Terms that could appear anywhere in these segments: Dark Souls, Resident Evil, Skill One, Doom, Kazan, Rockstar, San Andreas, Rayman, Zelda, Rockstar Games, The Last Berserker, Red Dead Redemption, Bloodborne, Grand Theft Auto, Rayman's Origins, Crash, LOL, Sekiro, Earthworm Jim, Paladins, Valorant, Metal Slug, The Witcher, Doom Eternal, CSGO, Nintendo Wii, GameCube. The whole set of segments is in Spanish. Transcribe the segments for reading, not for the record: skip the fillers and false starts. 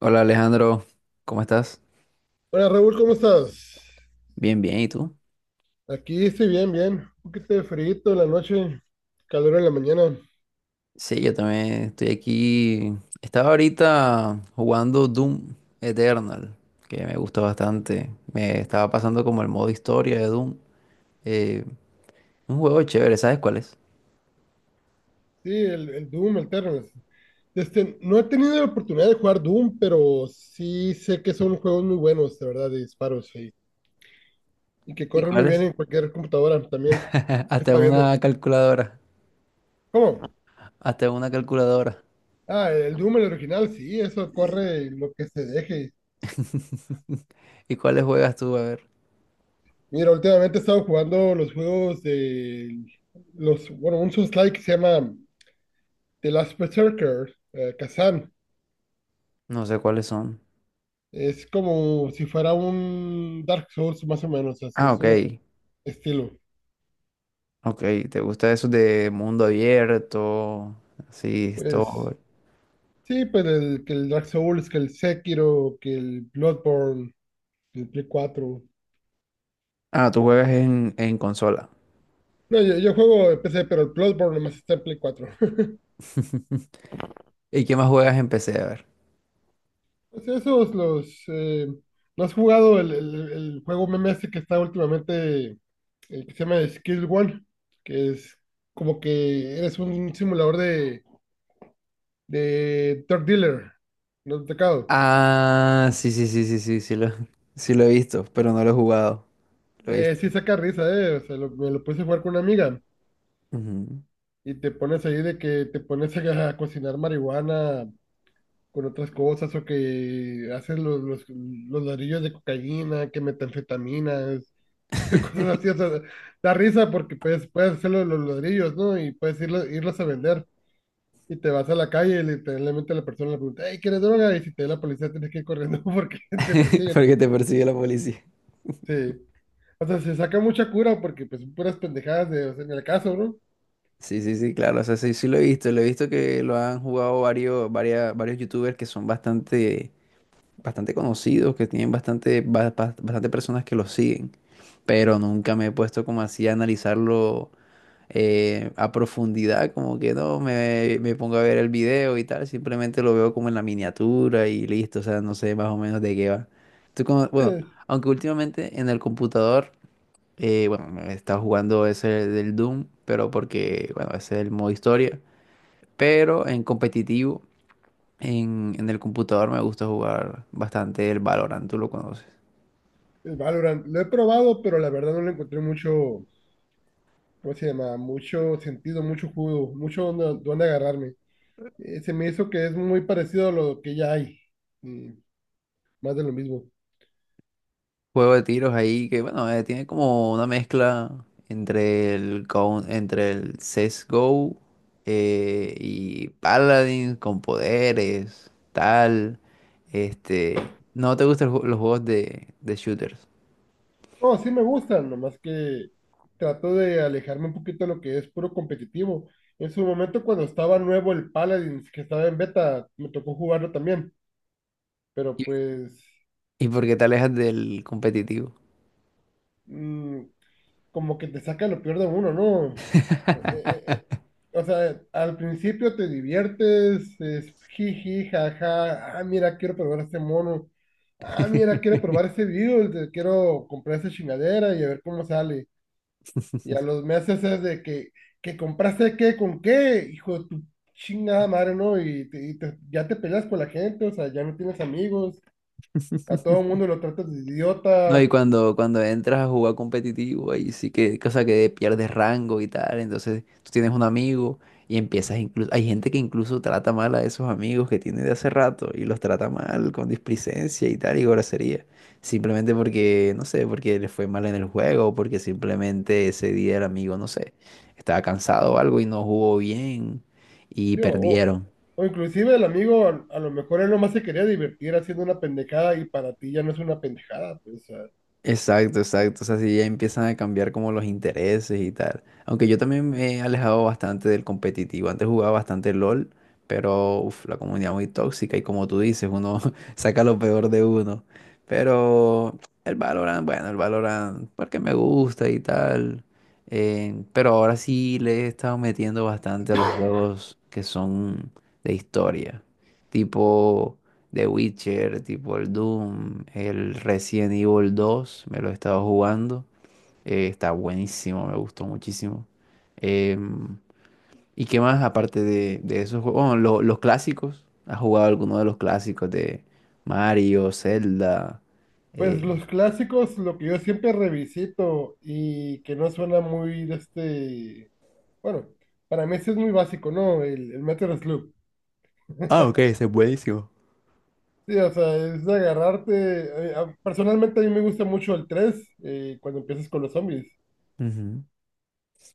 Hola Alejandro, ¿cómo estás? Hola Raúl, ¿cómo estás? Bien, bien, ¿y tú? Aquí estoy bien, bien. Un poquito de frío en la noche, calor en la mañana. Sí, yo también estoy aquí. Estaba ahorita jugando Doom Eternal, que me gusta bastante. Me estaba pasando como el modo historia de Doom. Eh, un juego chévere, ¿sabes cuál es? Sí, el Doom, el Terrace. Este, no he tenido la oportunidad de jugar Doom, pero sí sé que son juegos muy buenos, de verdad, de disparos, sí. Y que ¿Y corren muy cuál bien es? en cualquier computadora también. ¿Qué Hasta está viendo? una calculadora. ¿Cómo? Hasta una calculadora. Ah, el Doom, el original, sí, eso corre lo que se deje. ¿Y cuáles juegas tú? A ver. Mira, últimamente he estado jugando los juegos de los, bueno, un Souls-like que se llama The Last Berserker, Kazan. No sé cuáles son. Es como si fuera un Dark Souls más o menos, así Ah, es un ok. estilo. Ok, ¿te gusta eso de mundo abierto? Sí, Pues esto. sí, pues el, que el Dark Souls, que el Sekiro, que el Bloodborne, el Play 4. Ah, tú juegas en consola. No, yo juego en PC, pero el Bloodborne nomás está en Play cuatro. ¿Y qué más juegas en PC? A ver. Pues esos los... ¿no has jugado el juego meme este que está últimamente, el que se llama Skill One? Que es como que eres un simulador de Third Dealer, no te tocado. Ah, sí, sí, sí, sí, sí, sí lo, sí lo he visto, pero no lo he jugado. Lo he visto. Sí saca risa, eh. O sea, me lo puse a jugar con una amiga Ujú. y te pones ahí de que te pones a cocinar marihuana con otras cosas o que haces los ladrillos de cocaína, que metanfetaminas, cosas así. O sea, da risa porque puedes, puedes hacer los ladrillos, ¿no? Y puedes irlos a vender. Y te vas a la calle y literalmente la persona le pregunta, hey, ¿quieres droga? Y si te da la policía tienes que ir corriendo porque te persiguen. Porque te persigue la policía. Sí. O sea, se saca mucha cura porque pues son puras pendejadas de, o sea, en el caso, ¿no? Sí, sí, sí, claro. O sea, sí, sí lo he visto. Lo he visto que lo han jugado varios, varias, varios youtubers que son bastante, bastante conocidos, que tienen bastante, bastante personas que los siguen. Pero nunca me he puesto como así a analizarlo a profundidad, como que no me pongo a ver el video y tal, simplemente lo veo como en la miniatura y listo, o sea, no sé más o menos de qué va. Bueno, Eh, aunque últimamente en el computador, bueno, me está jugando ese del Doom, pero porque, bueno, ese es el modo historia, pero en competitivo, en el computador me gusta jugar bastante el Valorant, ¿tú lo conoces? el Valorant. Lo he probado, pero la verdad no le encontré mucho, ¿cómo se llama? Mucho sentido, mucho jugo, mucho donde, donde agarrarme. Se me hizo que es muy parecido a lo que ya hay. mm, más de lo mismo. Juego de tiros ahí que, bueno, tiene como una mezcla entre el CSGO y Paladins con poderes, tal. Este, ¿no te gustan los los juegos de shooters? No, sí me gustan, nomás que trato de alejarme un poquito de lo que es puro competitivo. En su momento, cuando estaba nuevo el Paladins, que estaba en beta, me tocó jugarlo también. Pero ¿Y, pues y por qué te alejas del competitivo? mm, como que te saca lo peor de uno, ¿no? Eh, eh, eh, o sea, al principio te diviertes, es jiji, jaja, ah, mira, quiero probar ese mono, ah, mira, quiero probar ese virus, quiero comprar esa chingadera y a ver cómo sale. Y a los meses es de que compraste qué, con qué, hijo de tu chingada madre, ¿no? Y, y ya te peleas con la gente, o sea, ya no tienes amigos, a todo el mundo lo tratas de No, idiota. y cuando entras a jugar competitivo, ahí sí que, cosa que pierdes rango y tal, entonces tú tienes un amigo y empiezas incluso, hay gente que incluso trata mal a esos amigos que tiene de hace rato y los trata mal con displicencia y tal y grosería, simplemente porque, no sé, porque les fue mal en el juego o porque simplemente ese día el amigo, no sé, estaba cansado o algo y no jugó bien y Digo, perdieron. o inclusive el amigo a lo mejor él nomás se quería divertir haciendo una pendejada y para ti ya no es una pendejada. Pues, o sea, Exacto, exacto. O sea, sí, ya empiezan a cambiar como los intereses y tal. Aunque yo también me he alejado bastante del competitivo. Antes jugaba bastante LOL, pero uf, la comunidad muy tóxica y como tú dices, uno saca lo peor de uno. Pero el Valorant, bueno, el Valorant, porque me gusta y tal. Pero ahora sí le he estado metiendo bastante a los juegos que son de historia. Tipo... The Witcher, tipo el Doom, el Resident Evil 2, me lo he estado jugando. Está buenísimo, me gustó muchísimo. Em, ¿y qué más aparte de esos juegos? Bueno, los clásicos. ¿Has jugado alguno de los clásicos de Mario, Zelda? pues Eh, los clásicos, lo que yo siempre revisito y que no suena muy de este, bueno, para mí sí es muy básico, ¿no? El Metal Slug. Ah, ok, ese es buenísimo. Sí, o sea, es de agarrarte. Personalmente a mí me gusta mucho el 3, cuando empiezas con los zombies. Ujú.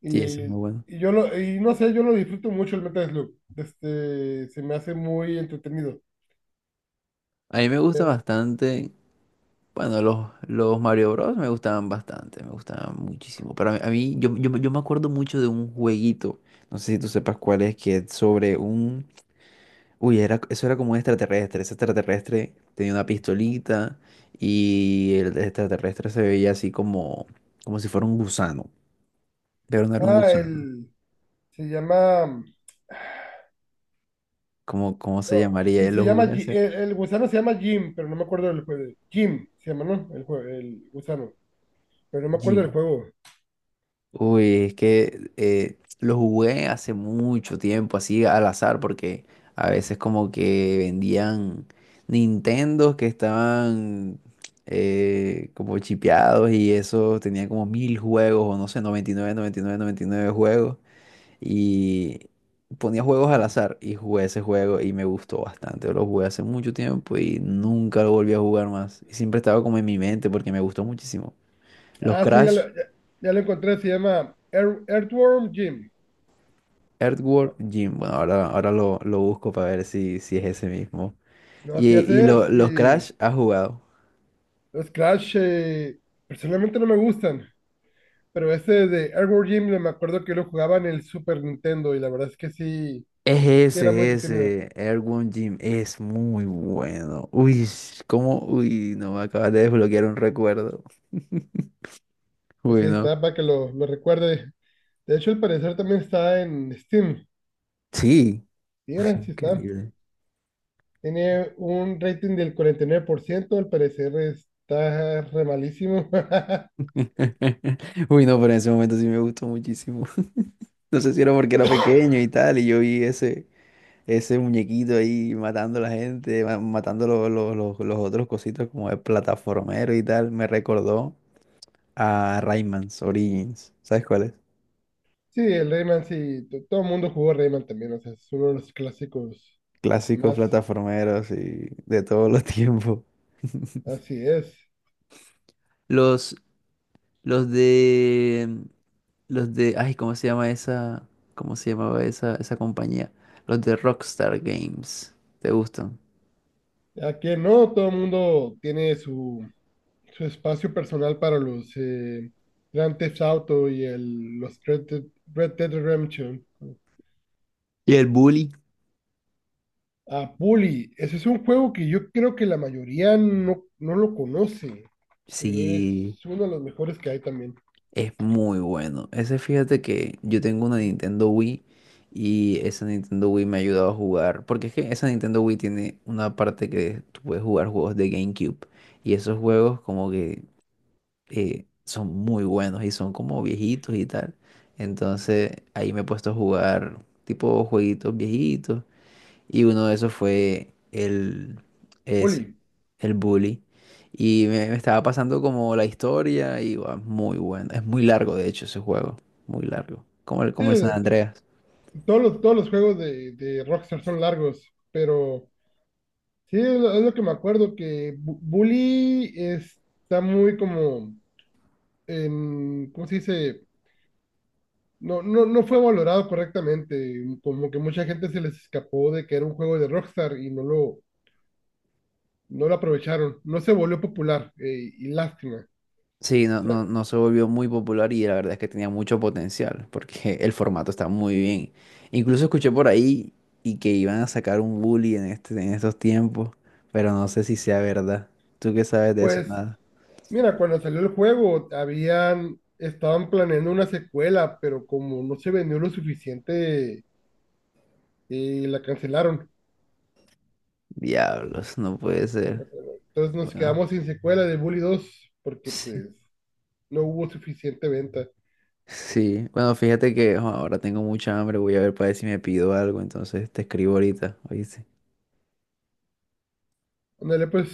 Y, Sí, eso es muy y- bueno. y yo lo, y no sé, yo lo disfruto mucho el Metal Slug. Este, se me hace muy entretenido. A mí me gusta bastante. Bueno, los Mario Bros. Me gustaban bastante, me gustaban muchísimo. Para mí, a mí yo me acuerdo mucho de un jueguito, no sé si tú sepas cuál es, que es sobre un... Uy, eso era como un extraterrestre. Ese extraterrestre tenía una pistolita y el extraterrestre se veía así como si fuera un gusano, pero no era un Ah, gusano. el se llama, ¿Cómo se oh, llamaría? sí, se Lo llama, jugué a hacer. El gusano se llama Jim, pero no me acuerdo del juego. Jim se llama, ¿no? El, el gusano, pero no me acuerdo del Jim. juego. Uy, es que lo jugué hace mucho tiempo, así al azar, porque a veces como que vendían Nintendos que estaban como chipeados y eso tenía como mil juegos, o no sé, noventa y nueve, 99, 99 juegos. Y ponía juegos al azar y jugué ese juego y me gustó bastante. Lo jugué hace mucho tiempo y nunca lo volví a jugar más. Y siempre estaba como en mi mente porque me gustó muchísimo. Los Ah, sí, Crash, ya lo encontré, se llama Earthworm Jim. Earthworm Jim. Bueno, ahora lo busco para ver si, es ese mismo. No, Y, así y hace, los y Crash has jugado. los Crash, personalmente no me gustan, pero ese de Earthworm Jim me acuerdo que lo jugaba en el Super Nintendo y la verdad es que sí, Es sí era muy ese, es entretenido. ese. Earthworm Jim es muy bueno. Uy, ¿cómo? Uy, no me acabas de desbloquear un recuerdo. Pues ahí Bueno, está, para que lo recuerde. De hecho, al parecer también está en Steam. sí. Mira, sí está. Increíble. Tiene un rating del 49%, al parecer está re malísimo. Uy, no, pero en ese momento sí me gustó muchísimo. No sé si era porque era pequeño y tal, y yo vi ese muñequito ahí matando a la gente, matando los otros cositos como el plataformero y tal, me recordó a Rayman's Origins. ¿Sabes cuál es? Sí, el Rayman sí, todo el mundo jugó Rayman también, o sea, es uno de los clásicos Clásicos más, plataformeros y de todos los tiempos. así es. Los, los de, los de, ay, ¿cómo se llama esa, cómo se llamaba esa compañía? Los de Rockstar Games. ¿Te gustan? ¿A quién no? Todo el mundo tiene su, su espacio personal para los Grand Theft Auto y el, los Red Dead, Red Dead Redemption. ¿Y el Bully? Ah, Puli, ese es un juego que yo creo que la mayoría no, no lo conoce, pero es Sí. uno de los mejores que hay también. Es muy bueno. Ese, fíjate que yo tengo una Nintendo Wii y esa Nintendo Wii me ha ayudado a jugar, porque es que esa Nintendo Wii tiene una parte que tú puedes jugar juegos de GameCube y esos juegos como que son muy buenos y son como viejitos y tal. Entonces ahí me he puesto a jugar tipo jueguitos viejitos y uno de esos fue ese, Puli, el bully. Y me estaba pasando como la historia y guau, muy bueno. Es muy largo, de hecho, ese juego. Muy largo. Como el, sí, como el San t- Andreas. Todos los juegos de Rockstar son largos, pero sí, es lo que me acuerdo, que Bully está muy como, en, ¿cómo se dice? No, no, no fue valorado correctamente, como que mucha gente se les escapó de que era un juego de Rockstar y no lo, no lo aprovecharon, no se volvió popular, y lástima. Sí, no, no, no se volvió muy popular y la verdad es que tenía mucho potencial porque el formato está muy bien. Incluso escuché por ahí y que iban a sacar un bully en este, en estos tiempos, pero no sé si sea verdad. ¿Tú qué sabes de eso? Pues Nada. mira, cuando salió el juego, habían, estaban planeando una secuela, pero como no se vendió lo suficiente, la cancelaron. Diablos, no puede ser. Entonces nos Bueno. quedamos sin secuela de Bully 2 porque pues no hubo suficiente venta. Sí, bueno, fíjate que jo, ahora tengo mucha hambre, voy a ver para ver si me pido algo, entonces te escribo ahorita, ¿oíste? Ándale, pues